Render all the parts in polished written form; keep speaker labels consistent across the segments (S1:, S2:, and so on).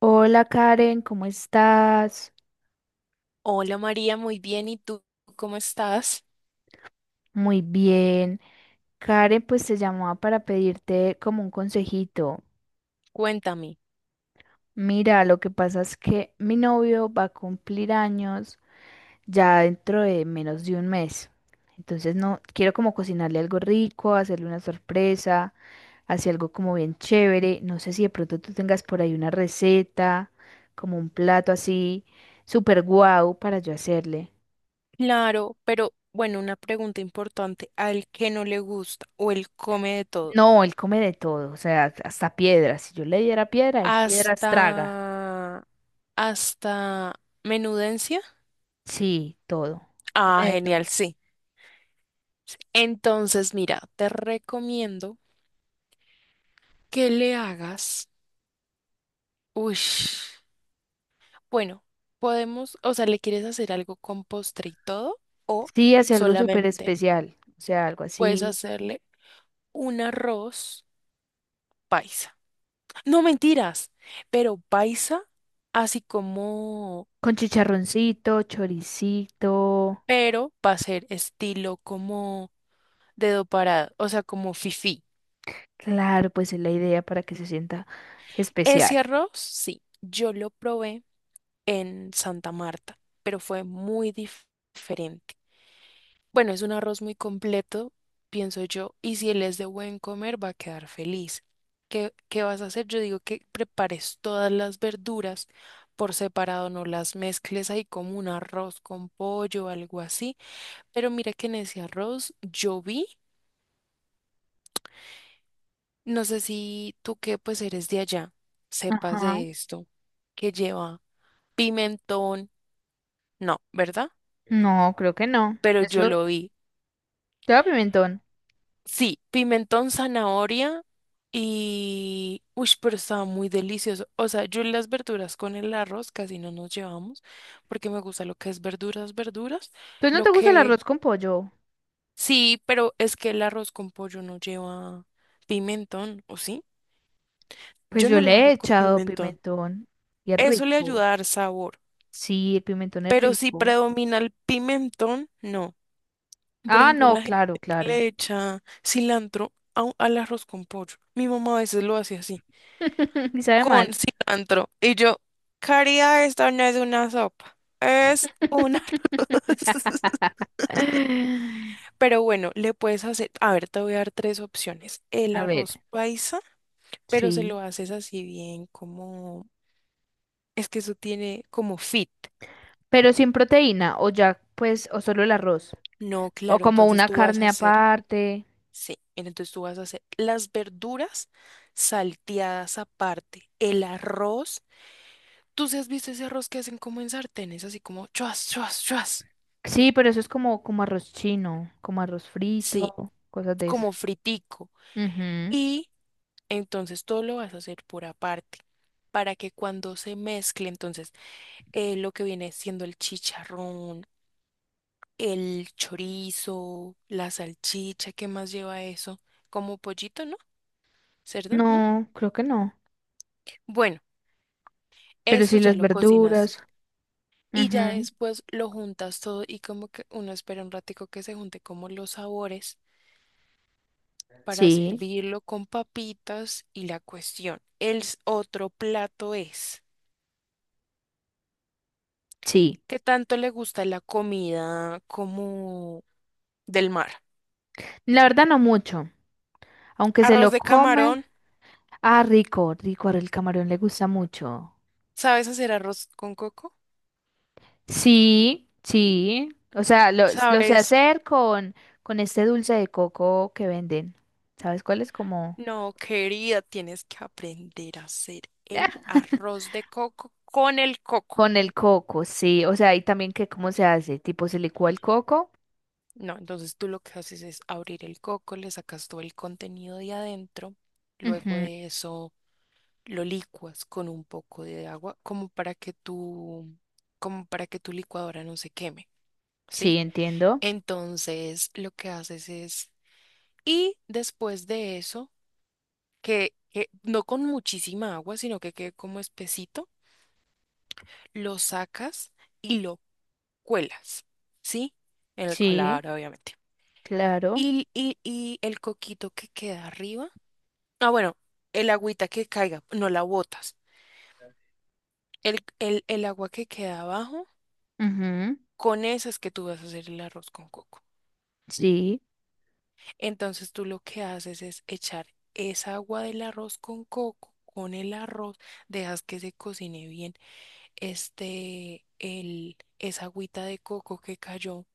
S1: Hola Karen, ¿cómo estás?
S2: Hola María, muy bien. ¿Y tú cómo estás?
S1: Muy bien. Karen, pues te llamaba para pedirte como un consejito.
S2: Cuéntame.
S1: Mira, lo que pasa es que mi novio va a cumplir años ya dentro de menos de un mes. Entonces no quiero como cocinarle algo rico, hacerle una sorpresa, hacer algo como bien chévere. No sé si de pronto tú tengas por ahí una receta, como un plato así, súper guau para yo hacerle.
S2: Claro, pero bueno, una pregunta importante. Al que no le gusta o él come de todo.
S1: No, él come de todo, o sea, hasta piedras. Si yo le diera piedra, él piedras traga.
S2: Hasta... hasta menudencia.
S1: Sí, todo.
S2: Ah,
S1: Come de todo.
S2: genial, sí. Entonces, mira, te recomiendo que le hagas... Uy, bueno, podemos, o sea, ¿le quieres hacer algo con postre y todo? O
S1: Sí, hace algo súper
S2: solamente
S1: especial, o sea, algo
S2: puedes
S1: así,
S2: hacerle un arroz paisa. No mentiras, pero paisa, así como,
S1: con chicharroncito, choricito.
S2: pero va a ser estilo como dedo parado, o sea, como fifí.
S1: Claro, pues es la idea para que se sienta especial.
S2: Ese arroz, sí, yo lo probé en Santa Marta, pero fue diferente. Bueno, es un arroz muy completo, pienso yo, y si él es de buen comer, va a quedar feliz. ¿Qué vas a hacer? Yo digo que prepares todas las verduras por separado, no las mezcles ahí como un arroz con pollo o algo así. Pero mira que en ese arroz yo vi, no sé si tú que pues eres de allá, sepas
S1: Ajá.
S2: de esto, que lleva pimentón, no, ¿verdad?
S1: No, creo que no.
S2: Pero yo
S1: Eso
S2: lo vi.
S1: lleva pimentón.
S2: Sí, pimentón, zanahoria y... pero estaba muy delicioso. O sea, yo las verduras con el arroz casi no nos llevamos porque me gusta lo que es verduras, verduras.
S1: ¿Pues no
S2: Lo
S1: te gusta el
S2: que...
S1: arroz con pollo?
S2: Sí, pero es que el arroz con pollo no lleva pimentón, ¿o sí?
S1: Pues
S2: Yo
S1: yo
S2: no
S1: le
S2: lo
S1: he
S2: hago con
S1: echado
S2: pimentón.
S1: pimentón y es
S2: Eso le
S1: rico.
S2: ayuda a dar sabor.
S1: Sí, el pimentón es
S2: Pero si
S1: rico.
S2: predomina el pimentón, no. Por
S1: Ah,
S2: ejemplo,
S1: no,
S2: la gente
S1: claro,
S2: que
S1: claro.
S2: le echa cilantro al arroz con pollo. Mi mamá a veces lo hace así,
S1: Y sabe
S2: con
S1: mal.
S2: cilantro. Y yo, Caría, esta no es una sopa, es una... Pero bueno, le puedes hacer, a ver, te voy a dar tres opciones. El
S1: A ver,
S2: arroz paisa, pero se
S1: sí.
S2: lo haces así bien como, es que eso tiene como fit.
S1: Pero sin proteína, o ya, pues, o solo el arroz.
S2: No,
S1: O
S2: claro,
S1: como
S2: entonces
S1: una
S2: tú vas a
S1: carne
S2: hacer.
S1: aparte.
S2: Sí, mira, entonces tú vas a hacer las verduras salteadas aparte, el arroz. ¿Tú sí has visto ese arroz que hacen como en sartenes, así como chuas, chuas, chuas?
S1: Sí, pero eso es como, como arroz chino, como arroz
S2: Sí,
S1: frito, cosas de eso.
S2: como fritico.
S1: Ujú.
S2: Y entonces todo lo vas a hacer por aparte, para que cuando se mezcle, entonces lo que viene siendo el chicharrón, el chorizo, la salchicha, ¿qué más lleva eso? Como pollito, ¿no? ¿Cerdo, no?
S1: No, creo que no.
S2: Bueno,
S1: Pero
S2: eso
S1: sí
S2: ya
S1: las
S2: lo cocinas.
S1: verduras.
S2: Y ya
S1: Ujú.
S2: después lo juntas todo y como que uno espera un ratico que se junte como los sabores para
S1: Sí,
S2: servirlo con papitas y la cuestión. Otro plato es,
S1: sí.
S2: ¿qué tanto le gusta la comida como del mar?
S1: La verdad no mucho. Aunque se
S2: Arroz
S1: lo
S2: de
S1: come.
S2: camarón.
S1: Ah, rico, rico. Ahora el camarón le gusta mucho.
S2: ¿Sabes hacer arroz con coco?
S1: Sí, sí. O sea, lo sé
S2: ¿Sabes?
S1: hacer con este dulce de coco que venden. ¿Sabes cuál es? Como...
S2: No, querida, tienes que aprender a hacer
S1: Ya.
S2: el arroz de coco con el coco.
S1: Con el coco, sí. O sea, y también que cómo se hace. Tipo, se licúa el coco.
S2: No, entonces tú lo que haces es abrir el coco, le sacas todo el contenido de adentro, luego
S1: Ujú,
S2: de eso lo licuas con un poco de agua, como para que tu licuadora no se queme,
S1: sí,
S2: ¿sí?
S1: entiendo.
S2: Entonces lo que haces es, y después de eso, que no con muchísima agua, sino que quede como espesito, lo sacas y lo cuelas, ¿sí? En el
S1: Sí,
S2: colador, obviamente.
S1: claro.
S2: Y el coquito que queda arriba. Ah, bueno, el agüita que caiga, no la botas. El agua que queda abajo,
S1: Ujú,
S2: con esa es que tú vas a hacer el arroz con coco.
S1: sí.
S2: Entonces tú lo que haces es echar esa agua del arroz con coco con el arroz, dejas que se cocine bien este, el, esa agüita de coco que cayó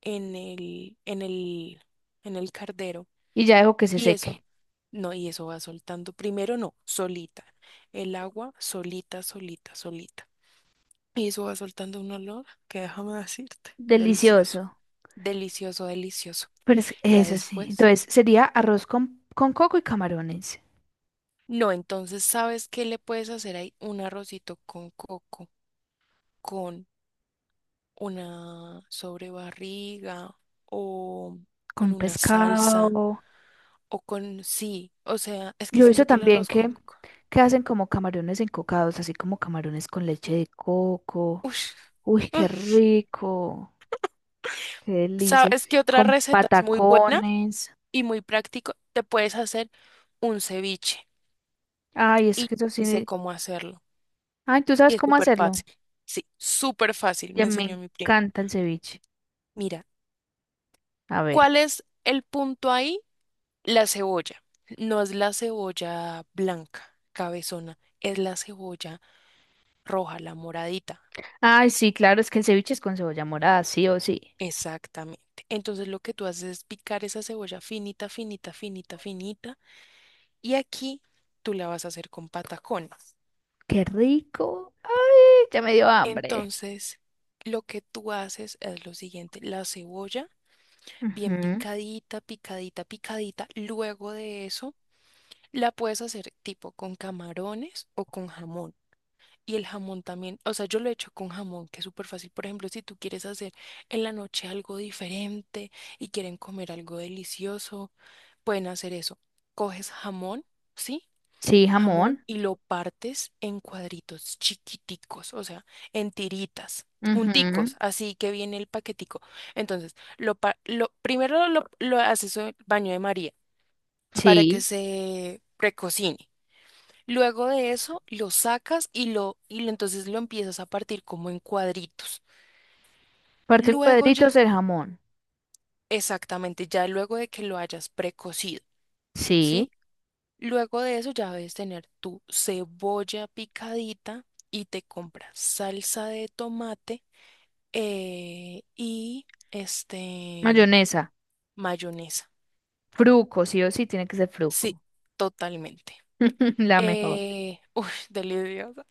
S2: en el, en el, en el cardero.
S1: Y ya dejo que se
S2: Y eso,
S1: seque.
S2: no, y eso va soltando. Primero no, solita. El agua solita, solita, solita. Y eso va soltando un olor que déjame decirte, delicioso,
S1: Delicioso.
S2: delicioso, delicioso. Ya
S1: Eso sí.
S2: después.
S1: Entonces, sería arroz con coco y camarones.
S2: No, entonces, ¿sabes qué le puedes hacer ahí? Un arrocito con coco, con una sobrebarriga o
S1: Con
S2: con una salsa
S1: pescado.
S2: o con, sí, o sea, es que
S1: Yo he visto
S2: siento que el
S1: también
S2: arroz con coco.
S1: que hacen como camarones encocados, así como camarones con leche de coco.
S2: Ush,
S1: Uy, qué
S2: uf.
S1: rico, qué delicia.
S2: ¿Sabes qué otra
S1: Con
S2: receta es muy buena
S1: patacones.
S2: y muy práctico? Te puedes hacer un ceviche
S1: Ay, es
S2: y
S1: que eso
S2: y sé
S1: sí.
S2: cómo hacerlo.
S1: Ay, ¿tú
S2: Y
S1: sabes
S2: es
S1: cómo
S2: súper
S1: hacerlo?
S2: fácil. Sí, súper fácil,
S1: Ya
S2: me
S1: me
S2: enseñó mi primo.
S1: encanta el ceviche.
S2: Mira,
S1: A ver.
S2: ¿cuál es el punto ahí? La cebolla. No es la cebolla blanca, cabezona, es la cebolla roja, la moradita.
S1: Ay, sí, claro, es que el ceviche es con cebolla morada, sí o sí.
S2: Exactamente. Entonces lo que tú haces es picar esa cebolla finita, finita, finita, finita. Y aquí tú la vas a hacer con patacones.
S1: Qué rico. Ay, ya me dio hambre.
S2: Entonces, lo que tú haces es lo siguiente, la cebolla bien
S1: Ujú.
S2: picadita, picadita, picadita. Luego de eso la puedes hacer tipo con camarones o con jamón. Y el jamón también, o sea, yo lo he hecho con jamón, que es súper fácil. Por ejemplo, si tú quieres hacer en la noche algo diferente y quieren comer algo delicioso, pueden hacer eso. Coges jamón, ¿sí?
S1: Sí,
S2: Jamón
S1: jamón.
S2: y lo partes en cuadritos chiquiticos, o sea, en tiritas,
S1: Ujú.
S2: junticos, así que viene el paquetico. Entonces, lo, pa- lo primero lo haces en el baño de María para que
S1: Sí.
S2: se precocine. Luego de eso lo sacas entonces lo empiezas a partir como en cuadritos.
S1: Parto en
S2: Luego ya,
S1: cuadritos el jamón.
S2: exactamente, ya luego de que lo hayas precocido,
S1: Sí.
S2: ¿sí? Luego de eso ya debes tener tu cebolla picadita y te compras salsa de tomate y este
S1: Mayonesa.
S2: mayonesa.
S1: Fruco, sí o sí, tiene que ser
S2: Sí,
S1: fruco.
S2: totalmente.
S1: La mejor.
S2: Deliciosa.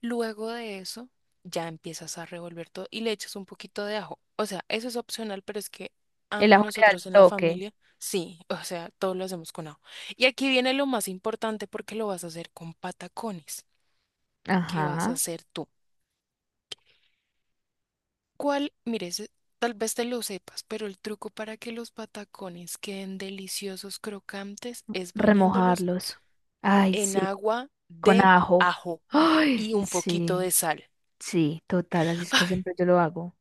S2: Luego de eso, ya empiezas a revolver todo y le echas un poquito de ajo. O sea, eso es opcional, pero es que a
S1: El ajo le da el
S2: nosotros en la
S1: toque.
S2: familia, sí, o sea, todo lo hacemos con ajo. Y aquí viene lo más importante porque lo vas a hacer con patacones. ¿Qué vas a
S1: Ajá.
S2: hacer tú? ¿Cuál? Mire, ese- tal vez te lo sepas, pero el truco para que los patacones queden deliciosos, crocantes, es bañándolos
S1: Remojarlos. Ay,
S2: en
S1: sí,
S2: agua
S1: con
S2: de
S1: ajo.
S2: ajo
S1: Ay,
S2: y un poquito de
S1: sí,
S2: sal.
S1: sí, total, así es que siempre yo lo hago.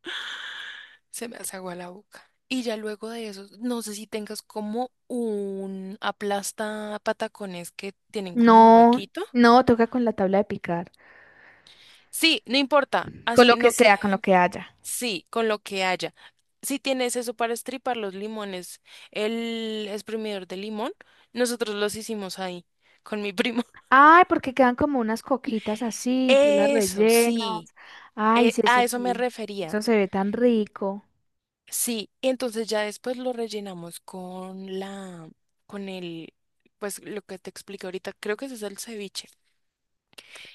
S2: Se me hace agua la boca. Y ya luego de eso, no sé si tengas como un aplasta patacones que tienen como un
S1: No,
S2: huequito.
S1: no, toca con la tabla de picar.
S2: Sí, no importa.
S1: Con
S2: Así,
S1: lo que
S2: no que
S1: sea, con lo que haya.
S2: sí, con lo que haya. Si tienes eso para estripar los limones, el exprimidor de limón, nosotros los hicimos ahí con mi primo.
S1: Ay, porque quedan como unas coquitas así, tú las
S2: Eso,
S1: rellenas.
S2: sí.
S1: Ay,
S2: A eso me
S1: sí.
S2: refería.
S1: Eso se ve tan rico.
S2: Sí, y entonces ya después lo rellenamos con la, con el, pues lo que te expliqué ahorita, creo que ese es el ceviche.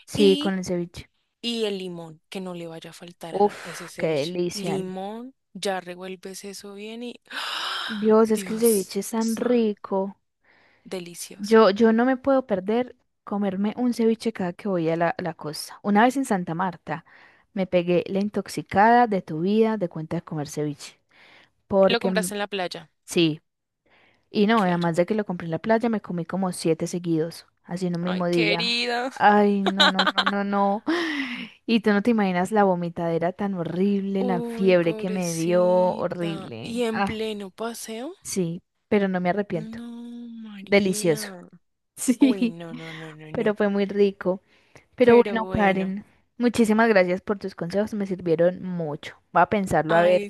S1: Sí, con
S2: Y,
S1: el ceviche.
S2: y el limón, que no le vaya a faltar a ese
S1: Uf, qué
S2: ceviche.
S1: delicia.
S2: Limón, ya revuelves eso bien y ¡ah!
S1: Dios, es que el
S2: Dios,
S1: ceviche es tan rico.
S2: delicioso.
S1: Yo no me puedo perder comerme un ceviche cada que voy a la, la costa. Una vez en Santa Marta me pegué la intoxicada de tu vida de cuenta de comer ceviche.
S2: Lo
S1: Porque
S2: compraste en la playa,
S1: sí, y no,
S2: claro.
S1: además de que lo compré en la playa, me comí como 7 seguidos, así en un
S2: Ay,
S1: mismo día.
S2: querida.
S1: Ay, no, no, no, no, no. Y tú no te imaginas la vomitadera tan horrible, la
S2: Uy,
S1: fiebre que me dio,
S2: pobrecita. ¿Y
S1: horrible.
S2: en
S1: Ah,
S2: pleno paseo?
S1: sí, pero no me arrepiento.
S2: No,
S1: Delicioso.
S2: María. Uy,
S1: Sí,
S2: no, no, no, no,
S1: pero
S2: no.
S1: fue muy rico. Pero
S2: Pero
S1: bueno,
S2: bueno,
S1: Karen, muchísimas gracias por tus consejos, me sirvieron mucho. Voy a pensarlo
S2: ay,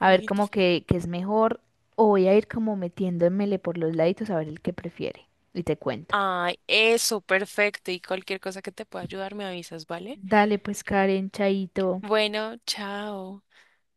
S1: a ver cómo que es mejor o voy a ir como metiéndomele por los laditos a ver el que prefiere. Y te cuento.
S2: Ay, eso, perfecto. Y cualquier cosa que te pueda ayudar, me avisas, ¿vale?
S1: Dale pues, Karen, chaito.
S2: Bueno, chao.